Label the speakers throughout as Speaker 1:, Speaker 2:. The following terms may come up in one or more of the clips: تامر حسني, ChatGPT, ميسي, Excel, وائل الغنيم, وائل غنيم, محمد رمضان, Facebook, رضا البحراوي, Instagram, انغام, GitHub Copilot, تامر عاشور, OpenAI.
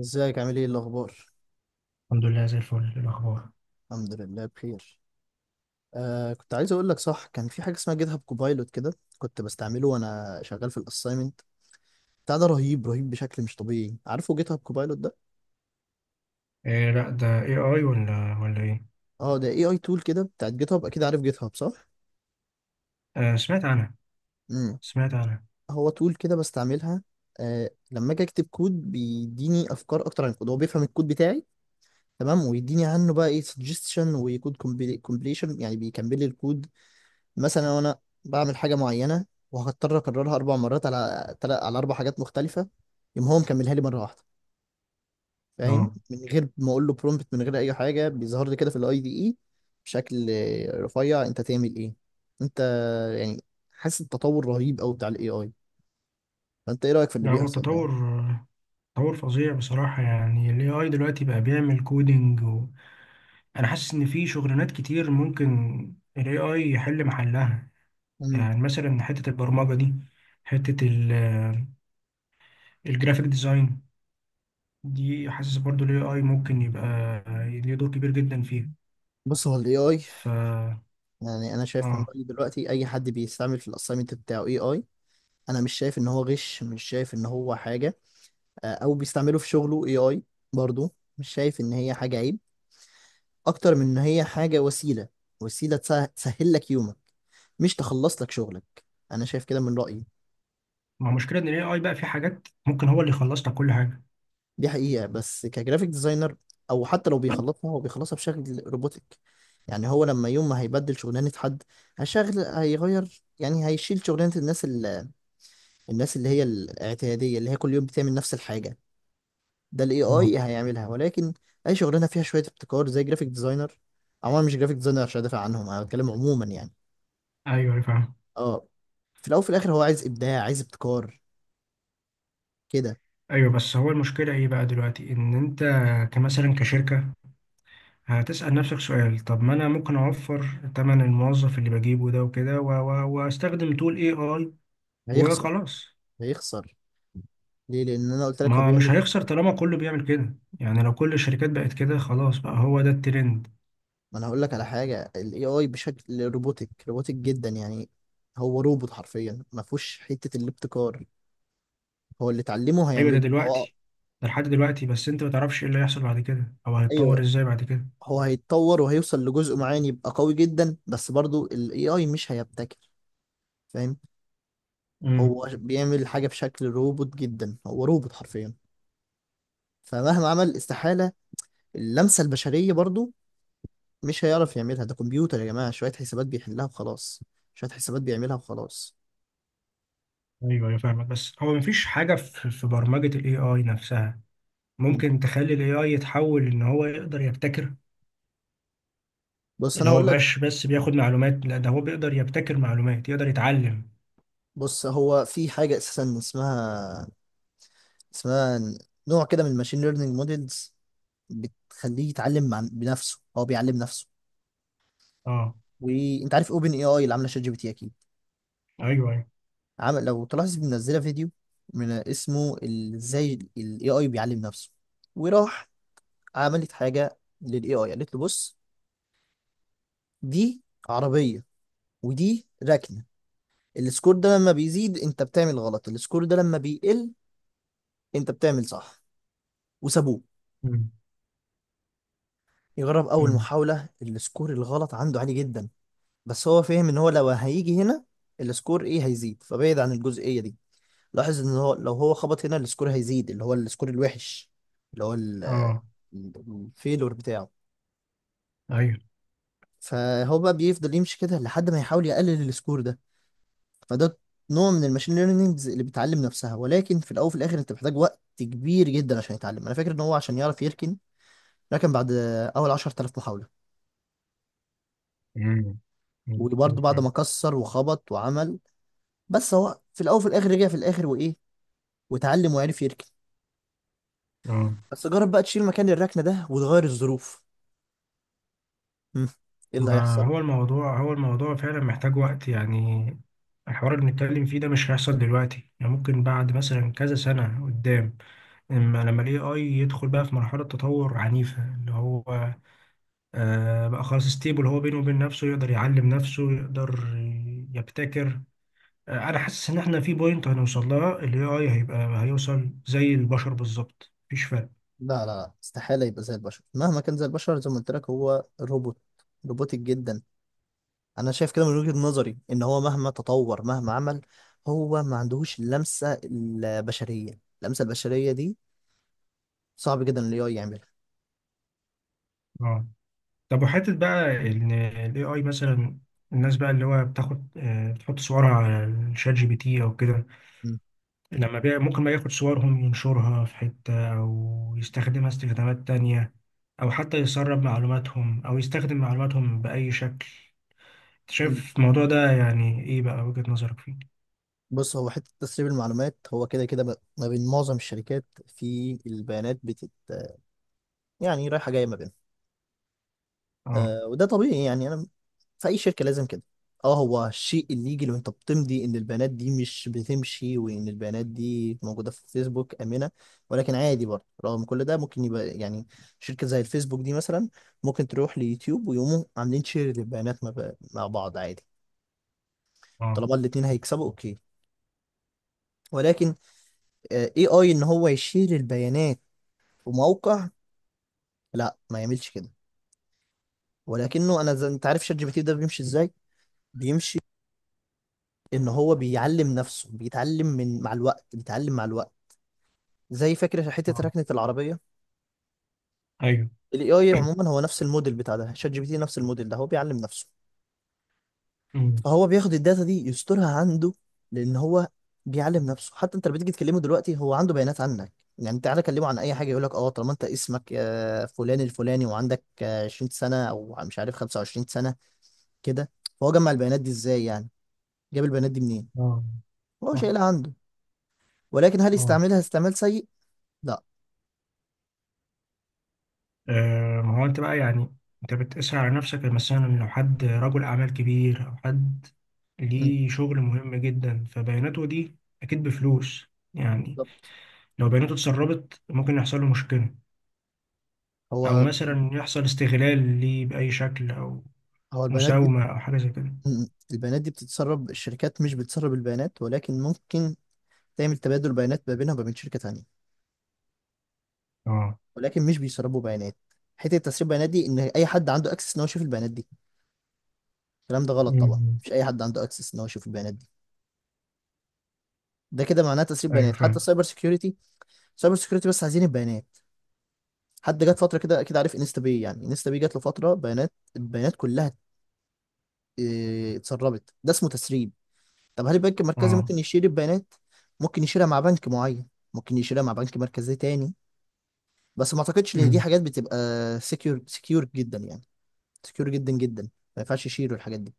Speaker 1: ازيك؟ عامل ايه؟ إيه الاخبار؟
Speaker 2: الحمد لله زي الفل. إيه الأخبار؟
Speaker 1: الحمد لله بخير. كنت عايز اقول لك، صح، كان في حاجه اسمها جيت هاب كوبايلوت كده. كنت بستعمله وانا شغال في الاساينمنت بتاع ده. رهيب، رهيب بشكل مش طبيعي. عارفه جيت هاب كوبايلوت ده؟
Speaker 2: إيه، لا ده اي اي ولا ايه؟
Speaker 1: اه، ده اي اي تول كده بتاعت جيت هاب. اكيد عارف جيت هاب، صح؟
Speaker 2: آه، سمعت عنها.
Speaker 1: امم.
Speaker 2: سمعت عنها.
Speaker 1: هو تول كده بستعملها. لما اجي اكتب كود بيديني افكار اكتر عن الكود، هو بيفهم الكود بتاعي. تمام، ويديني عنه بقى ايه سجستشن وكود كومبليشن، يعني بيكمل لي الكود. مثلا لو انا بعمل حاجه معينه وهضطر اكررها اربع مرات على على اربع حاجات مختلفه، يقوم هو مكملها لي مره واحده. فاهم؟
Speaker 2: اه،
Speaker 1: من غير ما اقول له برومبت، من غير اي حاجه، بيظهر لي كده في الاي دي اي بشكل رفيع. انت تعمل ايه انت؟ يعني حاسس التطور رهيب قوي بتاع الاي اي. فانت ايه رايك في اللي
Speaker 2: لا هو
Speaker 1: بيحصل ده؟
Speaker 2: تطور، تطور فظيع بصراحة. يعني ال AI دلوقتي بقى بيعمل كودينج و... أنا حاسس إن في شغلانات كتير ممكن ال AI يحل محلها.
Speaker 1: امم.
Speaker 2: يعني مثلا حتة البرمجة دي، حتة ال الجرافيك ديزاين دي، حاسس برضو ال AI ممكن يبقى ليه دور كبير جدا فيها.
Speaker 1: بص، هو الاي اي،
Speaker 2: ف
Speaker 1: يعني انا شايف من
Speaker 2: اه
Speaker 1: رايي دلوقتي، اي حد بيستعمل في الاساينمنت بتاعه اي اي، انا مش شايف ان هو غش، مش شايف ان هو حاجه. او بيستعملوا في شغله اي اي، برضو مش شايف ان هي حاجة عيب، اكتر من ان هي حاجة وسيلة. وسيلة تسهل لك يومك، مش تخلص لك شغلك. انا شايف كده من رأيي.
Speaker 2: ما مشكلة إن ال AI بقى في حاجات ممكن هو اللي يخلص لك كل حاجة.
Speaker 1: دي حقيقة، بس كجرافيك ديزاينر، او حتى لو بيخلطها، هو بيخلصها بشكل روبوتك. يعني هو لما يوم ما هيبدل شغلانة حد، هيغير، يعني هيشيل شغلانة الناس الناس اللي هي الاعتيادية اللي هي كل يوم بتعمل نفس الحاجة، ده الاي
Speaker 2: آه.
Speaker 1: اي هيعملها. ولكن اي شغلانه فيها شويه ابتكار زي جرافيك ديزاينر، عموما مش جرافيك ديزاينر عشان ادافع عنهم، انا بتكلم عموما يعني.
Speaker 2: ايوه، أيوة، فاهم.
Speaker 1: اه، في الاول وفي الاخر هو عايز ابداع، عايز ابتكار كده.
Speaker 2: ايوه، بس هو المشكله ايه بقى دلوقتي؟ ان انت كمثلا كشركه هتسال نفسك سؤال، طب ما انا ممكن اوفر تمن الموظف اللي بجيبه ده وكده واستخدم تول اي اي
Speaker 1: هيخسر،
Speaker 2: وخلاص.
Speaker 1: هيخسر. ليه؟ لان انا قلت لك هو
Speaker 2: ما مش
Speaker 1: بيعمل.
Speaker 2: هيخسر طالما كله بيعمل كده. يعني لو كل الشركات بقت كده خلاص بقى هو ده الترند.
Speaker 1: ما انا هقول لك على حاجه، الاي اي بشكل روبوتك، روبوتك جدا يعني. هو روبوت حرفيا، ما فيهوش حته الابتكار، هو اللي اتعلمه
Speaker 2: ايوه ده
Speaker 1: هيعمله. اه،
Speaker 2: دلوقتي، ده لحد دلوقتي، بس انت ما تعرفش ايه اللي هيحصل بعد كده او هيتطور
Speaker 1: ايوه.
Speaker 2: ازاي بعد كده.
Speaker 1: هو هيتطور وهيوصل لجزء معين يبقى قوي جدا، بس برضو الاي اي مش هيبتكر. فاهم؟
Speaker 2: امم.
Speaker 1: هو بيعمل حاجة في شكل روبوت جدا، هو روبوت حرفيا، فمهما عمل، استحالة اللمسة البشرية برضو مش هيعرف يعملها. ده كمبيوتر يا جماعة، شوية حسابات بيحلها وخلاص، شوية حسابات بيعملها وخلاص.
Speaker 2: ايوه ايوه فاهمك. بس هو مفيش حاجه في برمجه الاي اي نفسها
Speaker 1: مم.
Speaker 2: ممكن تخلي ال AI يتحول إن هو يقدر يبتكر؟
Speaker 1: بص،
Speaker 2: اللي
Speaker 1: أنا
Speaker 2: هو
Speaker 1: هقول لك.
Speaker 2: مبقاش بس بياخد معلومات، لا ده هو بيقدر يبتكر معلومات، يقدر يتعلم.
Speaker 1: بص، هو في حاجة أساسا اسمها، اسمها نوع كده من الماشين ليرنينج موديلز، بتخليه يتعلم مع بنفسه، هو بيعلم نفسه.
Speaker 2: اه.
Speaker 1: وانت عارف اوبن اي اي اللي عامله شات جي بي تي اكيد،
Speaker 2: ايوه ايوه.
Speaker 1: عمل، لو تلاحظ، منزله فيديو من اسمه ازاي الاي اي بيعلم نفسه. وراح عملت حاجه للاي اي، قالت له بص، دي عربيه ودي ركنه، السكور ده لما بيزيد انت بتعمل غلط، السكور ده لما بيقل انت بتعمل صح. وسابوه
Speaker 2: أمم،
Speaker 1: يجرب. اول
Speaker 2: أمم،
Speaker 1: محاوله السكور الغلط عنده عالي جدا، بس هو فاهم ان هو لو هيجي هنا السكور ايه هيزيد، فبعد عن الجزئيه دي. لاحظ ان هو لو هو خبط هنا السكور هيزيد، اللي هو السكور الوحش، اللي هو
Speaker 2: اه
Speaker 1: الفيلور بتاعه.
Speaker 2: ايوه.
Speaker 1: فهو بقى بيفضل يمشي كده لحد ما يحاول يقلل السكور ده. فده نوع من الماشين ليرنينجز اللي بتعلم نفسها. ولكن في الاول وفي الاخر، انت محتاج وقت كبير جدا عشان يتعلم. انا فاكر ان هو عشان يعرف يركن، ركن بعد اول 10,000 محاولة،
Speaker 2: أمم، أمم،
Speaker 1: وبرضه
Speaker 2: كتير
Speaker 1: بعد
Speaker 2: فعلا.
Speaker 1: ما كسر وخبط وعمل. بس هو في الاول وفي الاخر رجع في الاخر، وايه، وتعلم وعرف يركن.
Speaker 2: اه،
Speaker 1: بس جرب بقى تشيل مكان الركنة ده وتغير الظروف. مم. ايه اللي
Speaker 2: ما
Speaker 1: هيحصل؟
Speaker 2: هو الموضوع، فعلا محتاج وقت. يعني الحوار اللي بنتكلم فيه ده مش هيحصل دلوقتي، يعني ممكن بعد مثلا كذا سنة قدام. اما لما ال AI يدخل بقى في مرحلة تطور عنيفة، اللي هو آه بقى خلاص ستيبل، هو بينه وبين نفسه يقدر يعلم نفسه، يقدر يبتكر. آه، انا حاسس ان احنا في بوينت هنوصل لها الاي اي هيوصل زي البشر بالظبط، مفيش فرق.
Speaker 1: لا لا لا، استحالة يبقى زي البشر. مهما كان زي البشر، زي ما قلت لك، هو روبوت، روبوتك جدا. أنا شايف كده من وجهة نظري إن هو مهما تطور مهما عمل، هو ما عندهوش اللمسة البشرية. اللمسة البشرية دي صعب جدا ال AI يعملها.
Speaker 2: اه، طب وحته بقى ان الاي اي مثلا الناس بقى اللي هو بتاخد آه بتحط صورها على الشات جي بي تي او كده،
Speaker 1: مم.
Speaker 2: لما بقى ممكن بقى ياخد صورهم ينشرها في حته او يستخدمها استخدامات تانية، او حتى يسرب معلوماتهم او يستخدم معلوماتهم باي شكل.
Speaker 1: مم.
Speaker 2: شايف الموضوع ده يعني ايه بقى وجهة نظرك فيه؟
Speaker 1: بص، هو حتة تسريب المعلومات، هو كده كده ما بين معظم الشركات في البيانات بتت، يعني رايحة جاية ما بينهم.
Speaker 2: اه
Speaker 1: آه، وده طبيعي يعني. أنا في اي شركه لازم كده. اه، هو الشيء اللي يجي لو انت بتمضي ان البيانات دي مش بتمشي، وان البيانات دي موجوده في فيسبوك امنه. ولكن عادي برضه رغم كل ده ممكن يبقى يعني شركه زي الفيسبوك دي مثلا ممكن تروح ليوتيوب ويقوموا عاملين شير للبيانات مع مع بعض عادي،
Speaker 2: اه
Speaker 1: طالما الاتنين هيكسبوا اوكي. ولكن اي اي ان هو يشير البيانات في موقع، لا، ما يعملش كده. ولكنه انا زي انت عارف شات جي بي تي ده بيمشي ازاي. بيمشي ان هو بيعلم نفسه، بيتعلم من مع الوقت، بيتعلم مع الوقت. زي فكرة حتة
Speaker 2: اه
Speaker 1: ركنة العربية.
Speaker 2: ايوه.
Speaker 1: ال AI عموما هو نفس الموديل بتاع ده، شات جي بي تي نفس الموديل ده هو بيعلم نفسه.
Speaker 2: أمم،
Speaker 1: فهو بياخد الداتا دي يسترها عنده، لأن هو بيعلم نفسه. حتى انت لما تيجي تكلمه دلوقتي هو عنده بيانات عنك. يعني تعالى كلمه عن اي حاجه، يقول لك اه طالما انت اسمك آه، فلان الفلاني، وعندك آه، 20 سنه او مش عارف 25 سنه كده. فهو جمع البيانات دي ازاي يعني؟ جاب البيانات دي منين؟
Speaker 2: اه،
Speaker 1: هو
Speaker 2: صح.
Speaker 1: شايلها عنده، ولكن هل
Speaker 2: اه،
Speaker 1: يستعملها استعمال سيء؟ لا.
Speaker 2: آه، ما هو انت بقى يعني، انت بتقيسها على نفسك مثلا. لو حد رجل اعمال كبير او حد
Speaker 1: مم.
Speaker 2: ليه شغل مهم جدا فبياناته دي اكيد بفلوس يعني،
Speaker 1: بالظبط.
Speaker 2: لو بياناته اتسربت ممكن يحصل له مشكلة، او
Speaker 1: هو،
Speaker 2: مثلا يحصل استغلال ليه بأي شكل، او
Speaker 1: البيانات دي،
Speaker 2: مساومة او حاجة زي كده.
Speaker 1: م- البيانات دي بتتسرب، الشركات مش بتسرب البيانات، ولكن ممكن تعمل تبادل بيانات ما بينها وما بين شركة تانية.
Speaker 2: اه،
Speaker 1: ولكن مش بيسربوا بيانات. حته تسريب البيانات دي ان اي حد عنده اكسس ان هو يشوف البيانات دي، الكلام ده غلط طبعا،
Speaker 2: أمم،
Speaker 1: مش اي حد عنده اكسس ان هو يشوف البيانات دي، ده كده معناه تسريب
Speaker 2: ايوه
Speaker 1: بيانات. حتى
Speaker 2: فاهم.
Speaker 1: السايبر سكيورتي، سايبر سكيورتي بس عايزين البيانات. حد جت فتره كده، اكيد عارف انستا باي، يعني انستا باي جات له فتره بيانات، البيانات كلها اه، اتسربت. ده اسمه تسريب. طب هل البنك المركزي
Speaker 2: اه،
Speaker 1: ممكن يشيل البيانات؟ ممكن يشيلها مع بنك معين، ممكن يشيلها مع بنك مركزي تاني، بس ما اعتقدش ان دي
Speaker 2: أمم،
Speaker 1: حاجات بتبقى سكيور، سكيور جدا يعني، سكيور جدا جدا، ما ينفعش يشيلوا الحاجات دي.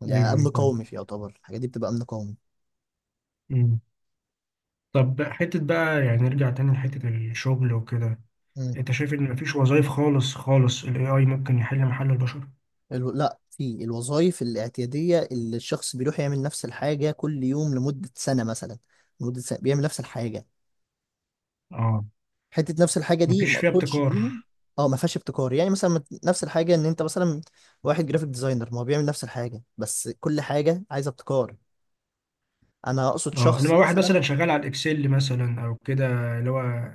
Speaker 1: ده
Speaker 2: ايوه
Speaker 1: امن
Speaker 2: ايوه فاهم.
Speaker 1: قومي، في يعتبر الحاجات دي بتبقى امن قومي.
Speaker 2: مم. طب حتة بقى يعني نرجع تاني لحتة الشغل وكده،
Speaker 1: مم.
Speaker 2: انت شايف ان مفيش وظائف خالص خالص ال AI ممكن يحل محل البشر؟
Speaker 1: لا، في الوظائف الاعتياديه اللي الشخص بيروح يعمل نفس الحاجه كل يوم لمده سنه مثلا، لمده سنه بيعمل نفس الحاجه.
Speaker 2: اه،
Speaker 1: حته نفس الحاجه دي
Speaker 2: مفيش
Speaker 1: ما
Speaker 2: فيها
Speaker 1: اقصدش
Speaker 2: ابتكار.
Speaker 1: بيها. اه ما فيهاش ابتكار، يعني مثلا نفس الحاجه ان انت مثلا واحد جرافيك ديزاينر، ما هو بيعمل نفس الحاجه بس كل حاجه عايزه ابتكار. انا اقصد
Speaker 2: اه، انما
Speaker 1: شخص
Speaker 2: واحد
Speaker 1: مثلا.
Speaker 2: مثلا شغال على الاكسل مثلا او كده، اللي هو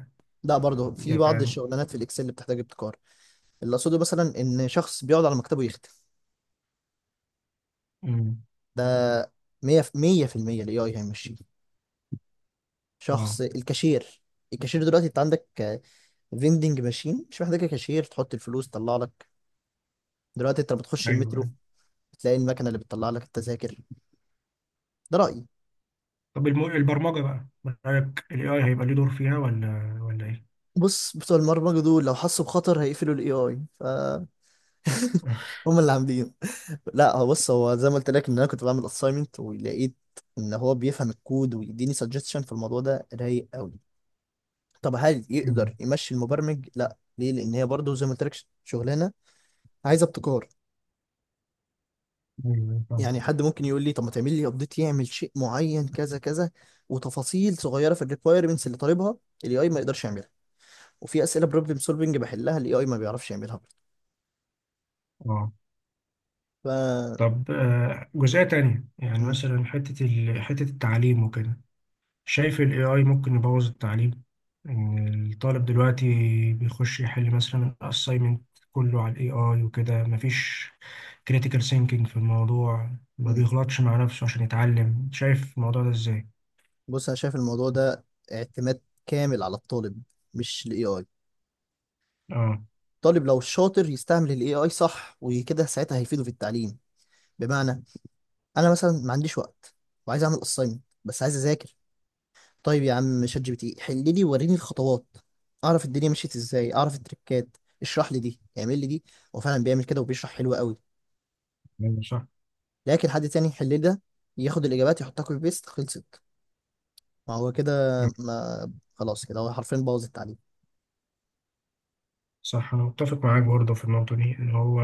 Speaker 1: لا، برضه في بعض
Speaker 2: يعني.
Speaker 1: الشغلانات في الاكسل اللي بتحتاج ابتكار. اللي اقصده مثلا ان شخص بيقعد على مكتبه يختم،
Speaker 2: مم.
Speaker 1: ده 100 في 100%، الاي اي هيمشيه.
Speaker 2: اه
Speaker 1: شخص الكاشير، الكاشير دلوقتي انت عندك فيندنج ماشين، مش محتاجه كاشير، تحط الفلوس تطلع لك. دلوقتي انت لما بتخش
Speaker 2: ايوه
Speaker 1: المترو
Speaker 2: أيوة.
Speaker 1: بتلاقي المكنه اللي بتطلع لك التذاكر. ده رايي.
Speaker 2: طب الم... البرمجة بقى من رأيك ال AI هيبقى ليه دور فيها ولا ايه؟
Speaker 1: بص، بتوع البرمجه دول لو حسوا بخطر هيقفلوا الاي اي. ف هم اللي عاملين. لا، هو، بص، هو زي ما قلت لك ان انا كنت بعمل اساينمنت ولقيت ان هو بيفهم الكود ويديني سجستشن في الموضوع ده رايق قوي. طب هل
Speaker 2: مم.
Speaker 1: يقدر يمشي المبرمج؟ لا، ليه؟ لان هي برضه زي ما قلت لك شغلانه عايزه ابتكار.
Speaker 2: ايوه فاهم.
Speaker 1: يعني حد ممكن يقول لي طب ما تعمل لي ابديت يعمل شيء معين كذا كذا وتفاصيل صغيره في الريكويرمنتس اللي طالبها، الاي اي ما يقدرش يعملها. وفي اسئله بروبلم سولفنج بحلها الاي اي ما بيعرفش يعملها برضه.
Speaker 2: اه،
Speaker 1: ف
Speaker 2: طب آه، جزئية تانية، يعني
Speaker 1: م-
Speaker 2: مثلا حتة التعليم وكده، شايف ال AI ممكن يبوظ التعليم؟ إن الطالب دلوقتي بيخش يحل مثلا الأسايمنت كله على ال AI وكده، مفيش critical thinking في الموضوع، ما
Speaker 1: م.
Speaker 2: بيغلطش مع نفسه عشان يتعلم. شايف الموضوع ده إزاي؟
Speaker 1: بص، انا شايف الموضوع ده اعتماد كامل على الطالب، مش الاي اي.
Speaker 2: آه،
Speaker 1: الطالب لو شاطر يستعمل الاي اي صح وكده، ساعتها هيفيده في التعليم. بمعنى، انا مثلا ما عنديش وقت وعايز اعمل اساينمنت، بس عايز اذاكر، طيب يا عم شات جي بي تي حل لي وريني الخطوات، اعرف الدنيا مشيت ازاي، اعرف التريكات، اشرح لي دي، اعمل لي دي. هو فعلا بيعمل كده وبيشرح حلو قوي.
Speaker 2: أيوة، صح.
Speaker 1: لكن حد تاني يحل لي ده، ياخد الاجابات يحطها كوبي بيست، خلصت. ما هو كده، ما خلاص كده هو حرفيا بوظ التعليم.
Speaker 2: صح، أنا متفق معاك برضه في النقطة دي، إن هو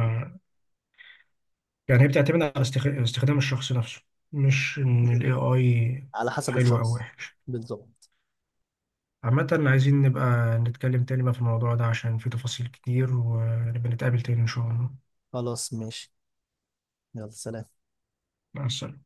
Speaker 2: يعني هي بتعتمد على استخدام الشخص نفسه، مش إن ال AI
Speaker 1: على حسب
Speaker 2: حلو أو
Speaker 1: الشخص.
Speaker 2: وحش.
Speaker 1: بالظبط.
Speaker 2: عامة، عايزين نبقى نتكلم تاني بقى في الموضوع ده عشان فيه تفاصيل كتير، ونبقى نتقابل تاني إن شاء الله.
Speaker 1: خلاص ماشي، يلا سلام.
Speaker 2: مع السلامة.